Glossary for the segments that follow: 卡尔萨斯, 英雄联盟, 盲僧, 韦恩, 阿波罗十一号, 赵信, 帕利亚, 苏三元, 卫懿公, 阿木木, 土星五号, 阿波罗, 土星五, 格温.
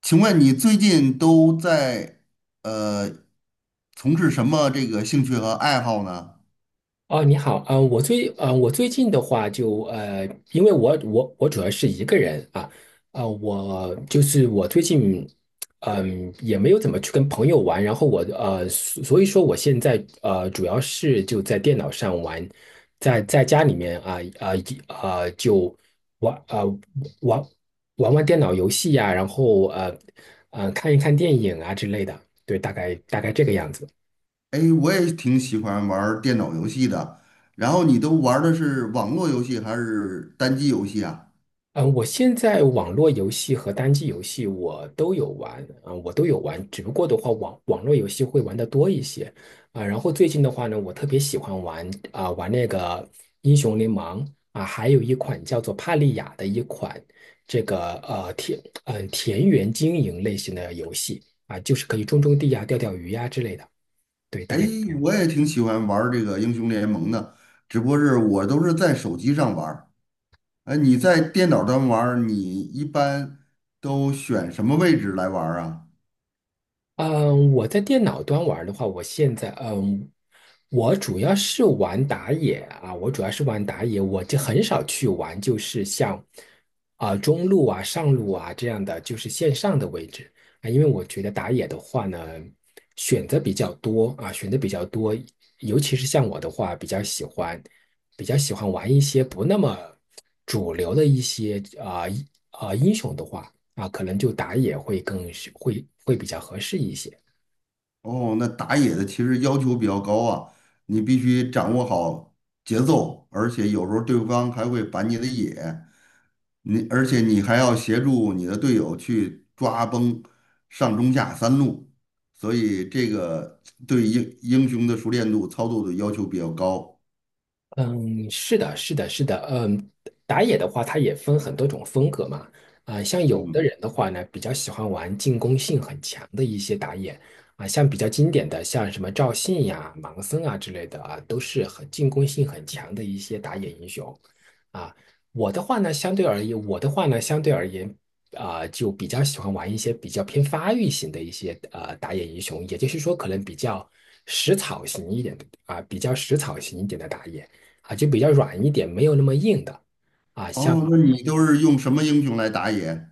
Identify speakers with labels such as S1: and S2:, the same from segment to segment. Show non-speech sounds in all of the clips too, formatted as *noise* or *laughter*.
S1: 请问你最近都在呃从事什么这个兴趣和爱好呢？
S2: 哦，你好，啊，我最近的话就因为我主要是一个人啊。我就是我最近也没有怎么去跟朋友玩，然后我所以说我现在主要是就在电脑上玩，在家里面啊啊啊、呃就玩啊、呃玩玩玩电脑游戏呀、然后看一看电影啊之类的。对，大概这个样子。
S1: 哎，我也挺喜欢玩儿电脑游戏的。然后你都玩儿的是网络游戏还是单机游戏啊？
S2: 嗯，我现在网络游戏和单机游戏我都有玩，只不过的话网络游戏会玩的多一些。啊，然后最近的话呢，我特别喜欢玩那个英雄联盟啊、还有一款叫做帕利亚的一款这个田园经营类型的游戏啊，就是可以种种地呀、钓钓鱼呀、之类的。对，
S1: 哎，
S2: 大概。
S1: 我也挺喜欢玩儿这个英雄联盟的，只不过是我都是在手机上玩儿。哎，你在电脑端玩儿，你一般都选什么位置来玩儿啊？
S2: 嗯，我在电脑端玩的话，我现在我主要是玩打野啊，我主要是玩打野，我就很少去玩，就是像啊、中路啊、上路啊这样的，就是线上的位置。啊，因为我觉得打野的话呢，选择比较多啊，选择比较多。尤其是像我的话，比较喜欢玩一些不那么主流的一些啊啊、英雄的话。啊，可能就打野会更会比较合适一些。
S1: 哦，那打野的其实要求比较高啊，你必须掌握好节奏，而且有时候对方还会板你的野，而且你还要协助你的队友去抓崩上中下三路，所以这个对英雄的熟练度、操作的要求比较高。
S2: 嗯，是的，是的，是的。嗯，打野的话，它也分很多种风格嘛。啊、像有的
S1: 嗯。
S2: 人的话呢，比较喜欢玩进攻性很强的一些打野。啊、像比较经典的，像什么赵信呀、盲僧啊之类的啊，都是很进攻性很强的一些打野英雄。啊，我的话呢，相对而言，啊、就比较喜欢玩一些比较偏发育型的一些打野英雄，也就是说，可能比较食草型一点的啊、比较食草型一点的打野。啊，就比较软一点，没有那么硬的啊。像，
S1: 哦，那你都是用什么英雄来打野？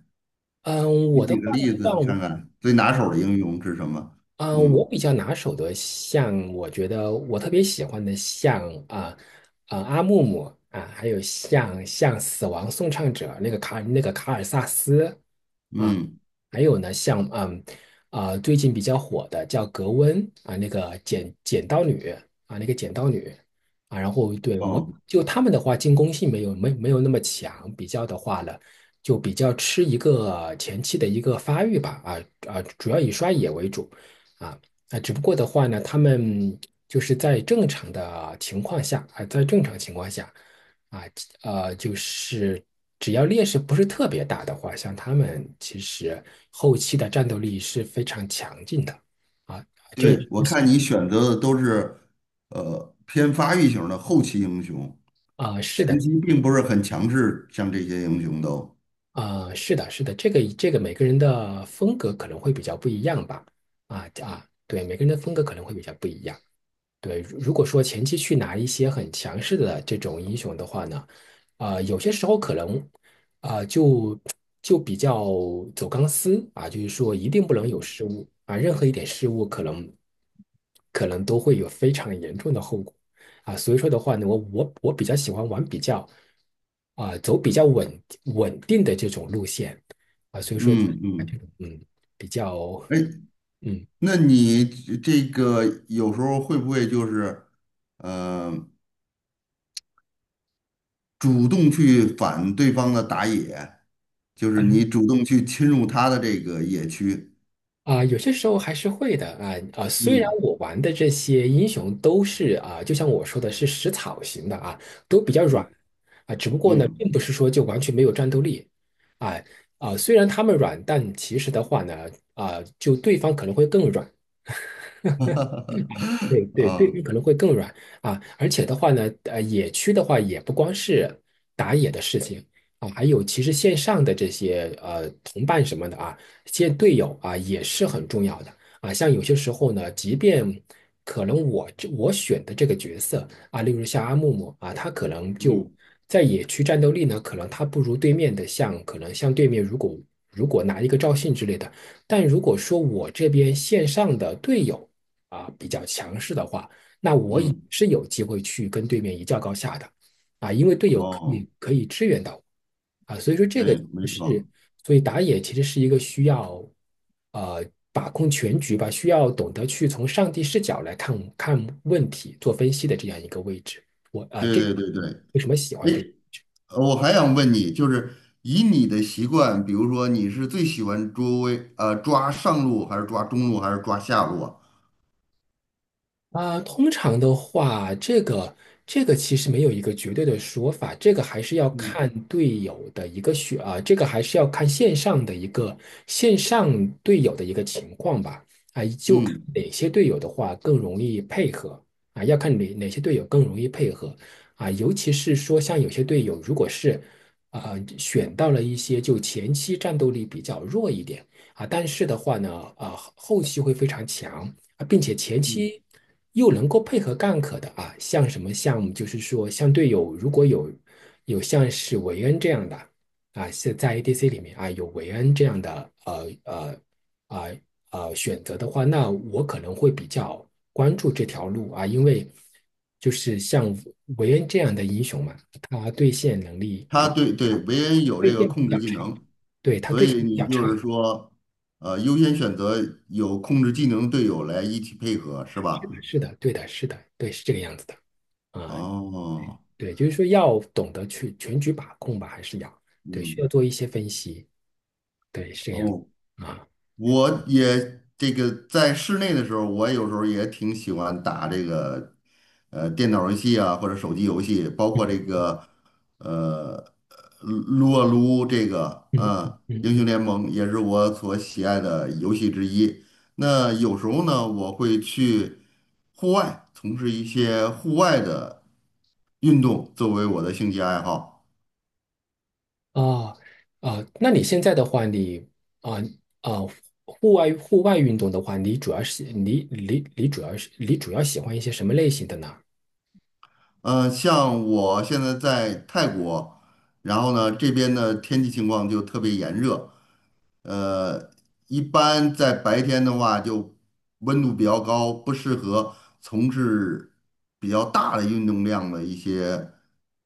S2: 嗯，
S1: 你
S2: 我的
S1: 举
S2: 话
S1: 个
S2: 呢，
S1: 例子看
S2: 像，
S1: 看，最拿手的英雄是什么？
S2: 嗯，
S1: 嗯
S2: 我比较拿手的，像我觉得我特别喜欢的像，啊啊阿木木啊，还有像死亡颂唱者那个卡尔萨斯啊。
S1: 嗯。
S2: 还有呢，像最近比较火的叫格温啊，那个剪剪刀女啊，那个剪刀女啊。然后对，我
S1: 哦。
S2: 就他们的话，进攻性没有那么强，比较的话呢，就比较吃一个前期的一个发育吧。啊啊，主要以刷野为主啊。啊，只不过的话呢，他们就是在正常的情况下啊，在正常情况下。啊，就是只要劣势不是特别大的话，像他们其实后期的战斗力是非常强劲的。啊
S1: 对，我看你选择的都是，呃，偏发育型的后期英雄，
S2: 啊，是
S1: 前
S2: 的。
S1: 期并不是很强势，像这些英雄都。
S2: 啊是的，是的，这个每个人的风格可能会比较不一样吧。啊啊，对，每个人的风格可能会比较不一样。对，如果说前期去拿一些很强势的这种英雄的话呢，啊、有些时候可能啊、就比较走钢丝啊，就是说一定不能有
S1: 嗯
S2: 失误啊，任何一点失误可能都会有非常严重的后果。啊，所以说的话呢，我比较喜欢玩比较啊、走比较稳定的这种路线。啊，所以说
S1: 嗯
S2: 啊，这
S1: 嗯。
S2: 种嗯比较
S1: 哎，
S2: 嗯。
S1: 那你这个有时候会不会就是，呃，主动去反对方的打野，就是你主动去侵入他的这个野区？
S2: 啊、有些时候还是会的啊。啊、虽然
S1: 嗯
S2: 我玩的这些英雄都是啊、就像我说的是食草型的啊，都比较软。
S1: 嗯
S2: 啊、只不过呢，
S1: 嗯。
S2: 并不是说就完全没有战斗力啊。啊、虽然他们软，但其实的话呢，啊、就对方可能会更软。对
S1: *laughs*
S2: 对对，
S1: 啊。
S2: 面可能会更软。啊，而且的话呢，野区的话也不光是打野的事情。啊，还有其实线上的这些同伴什么的啊，见队友啊也是很重要的。啊。像有些时候呢，即便可能我选的这个角色啊，例如像阿木木啊，他可能就
S1: 嗯
S2: 在野区战斗力呢，可能他不如对面的像可能像对面如果拿一个赵信之类的，但如果说我这边线上的队友。啊，比较强势的话，那我也
S1: 嗯。
S2: 是有机会去跟对面一较高下的。啊，因为队友可
S1: 哦，
S2: 以可以支援到我。啊，所以说这个
S1: 对，没
S2: 是，
S1: 错，
S2: 所以打野其实是一个需要呃把控全局吧，需要懂得去从上帝视角来看看问题、做分析的这样一个位置。我啊，
S1: 对
S2: 这
S1: 对对对。
S2: 为什么喜欢
S1: 哎，
S2: 这个？
S1: 我还想问你，就是以你的习惯，比如说你是最喜欢抓上路，还是抓中路，还是抓下路啊？
S2: 啊，通常的话，这个其实没有一个绝对的说法，这个还是要
S1: 嗯
S2: 看队友的一个选啊，这个还是要看线上队友的一个情况吧。啊，就看
S1: 嗯。
S2: 哪些队友的话更容易配合。啊，要看哪些队友更容易配合。啊，尤其是说像有些队友如果是啊选到了一些就前期战斗力比较弱一点。啊，但是的话呢，啊，后期会非常强。啊，并且前
S1: 嗯，
S2: 期又能够配合干可的啊，像什么项目，就是说像队友如果有像是韦恩这样的啊，是在 ADC 里面啊有韦恩这样的啊呃选择的话，那我可能会比较关注这条路啊，因为就是像韦恩这样的英雄嘛，他对线能力
S1: 它
S2: 啊
S1: 维恩有这
S2: 对
S1: 个
S2: 线比
S1: 控制
S2: 较
S1: 技
S2: 差，
S1: 能，
S2: 对他
S1: 所
S2: 对线
S1: 以
S2: 比
S1: 你
S2: 较
S1: 就
S2: 差。
S1: 是说，呃，优先选择有控制技能的队友来一起配合，是
S2: 是的，
S1: 吧？
S2: 是的，对的，是的，对，是这个样子的啊。
S1: 哦。
S2: 对，就是说要懂得去全局把控吧，还是要，对，需要
S1: 嗯。
S2: 做一些分析。对，是这样
S1: 哦，
S2: 的啊，
S1: 我也这个在室内的时候，我有时候也挺喜欢打这个电脑游戏啊，或者手机游戏，包括这个呃撸啊撸这个，
S2: 嗯嗯
S1: 嗯，
S2: 嗯，
S1: 英
S2: 嗯。
S1: 雄联盟也是我所喜爱的游戏之一。那有时候呢，我会去户外从事一些户外的运动，作为我的兴趣爱好。
S2: 哦。啊，那你现在的话，你啊啊，户外运动的话，你主要是你你你主要是你主要喜欢一些什么类型的呢？
S1: 呃，像我现在在泰国，然后呢，这边的天气情况就特别炎热。呃，一般在白天的话，就温度比较高，不适合从事比较大的运动量的一些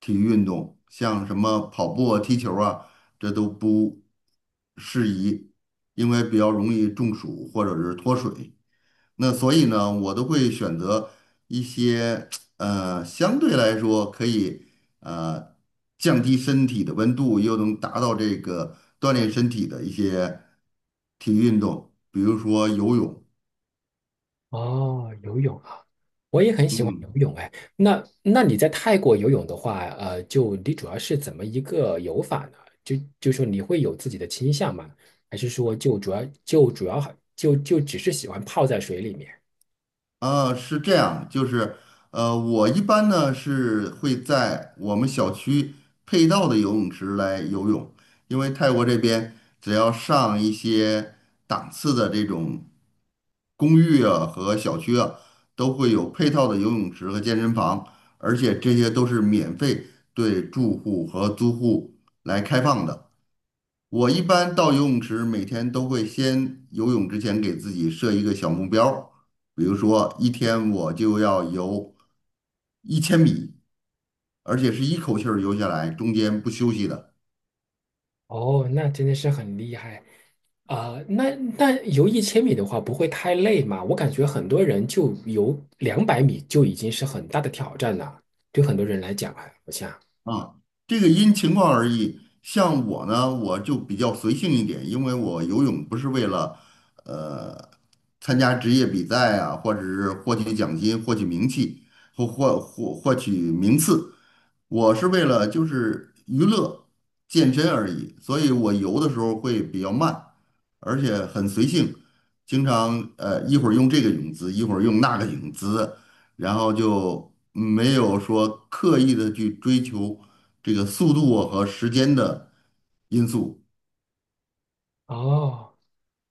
S1: 体育运动，像什么跑步啊、踢球啊，这都不适宜，因为比较容易中暑或者是脱水。那所以呢，我都会选择一些呃相对来说可以呃降低身体的温度，又能达到这个锻炼身体的一些体育运动，比如说游泳。
S2: 哦，游泳啊，我也很喜欢
S1: 嗯。
S2: 游泳哎。那你在泰国游泳的话，就你主要是怎么一个游法呢？就说你会有自己的倾向吗？还是说就主要就主要就就只是喜欢泡在水里面？
S1: 呃，是这样，就是，呃，我一般呢是会在我们小区配套的游泳池来游泳，因为泰国这边只要上一些档次的这种公寓啊和小区啊，都会有配套的游泳池和健身房，而且这些都是免费对住户和租户来开放的。我一般到游泳池，每天都会先游泳之前给自己设一个小目标儿，比如说一天我就要游1000米，而且是一口气儿游下来，中间不休息的。
S2: 哦，那真的是很厉害啊。那游1000米的话，不会太累吗？我感觉很多人就游200米就已经是很大的挑战了，对很多人来讲啊，我想。
S1: 啊，这个因情况而异。像我呢，我就比较随性一点，因为我游泳不是为了呃参加职业比赛啊，或者是获取奖金、获取名气或获取名次，我是为了就是娱乐、健身而已。所以我游的时候会比较慢，而且很随性，经常一会儿用这个泳姿，一会儿用那个泳姿，然后就没有说刻意的去追求这个速度啊和时间的因素。
S2: 哦，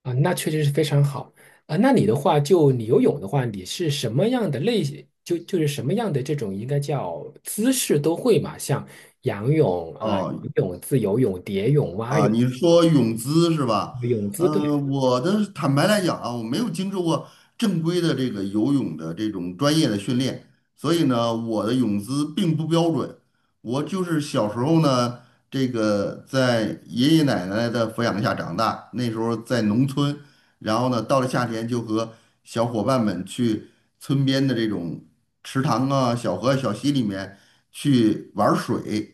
S2: 啊，那确实是非常好啊。那你的话，就你游泳的话，你是什么样的类型？就是什么样的这种应该叫姿势都会嘛？像仰泳啊、
S1: 哦，
S2: 游泳、自由泳、蝶泳、蛙
S1: 啊，
S2: 泳、
S1: 你说泳姿是吧？
S2: 泳姿
S1: 呃，
S2: 对。
S1: 我的坦白来讲啊，我没有经受过正规的这个游泳的这种专业的训练，所以呢，我的泳姿并不标准。我就是小时候呢，这个在爷爷奶奶的抚养下长大，那时候在农村，然后呢，到了夏天就和小伙伴们去村边的这种池塘啊、小河、小溪里面去玩水。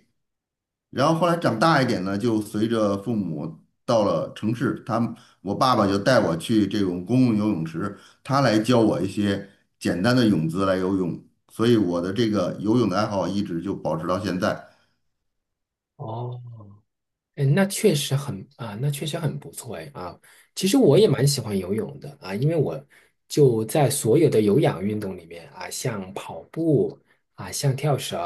S1: 然后后来长大一点呢，就随着父母到了城市，我爸爸就带我去这种公共游泳池，他来教我一些简单的泳姿来游泳，所以我的这个游泳的爱好一直就保持到现在。
S2: 哦嗯，那确实很啊，那确实很不错哎啊。其实我也蛮喜欢游泳的啊，因为我就在所有的有氧运动里面啊，像跑步啊，像跳绳，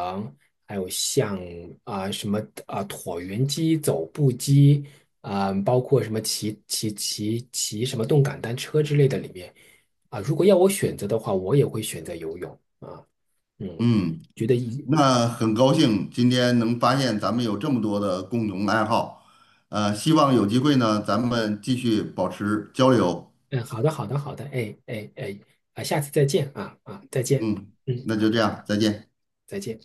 S2: 还有像啊什么啊椭圆机、走步机啊，包括什么骑什么动感单车之类的里面啊，如果要我选择的话，我也会选择游泳啊。嗯，
S1: 嗯，
S2: 觉得一
S1: 那很高兴今天能发现咱们有这么多的共同爱好，呃，希望有机会呢，咱们继续保持交流。
S2: 嗯，好的，好的，好的，哎哎哎，啊，下次再见啊啊，再见。
S1: 嗯，
S2: 嗯，
S1: 那就这样，再见。
S2: 再见。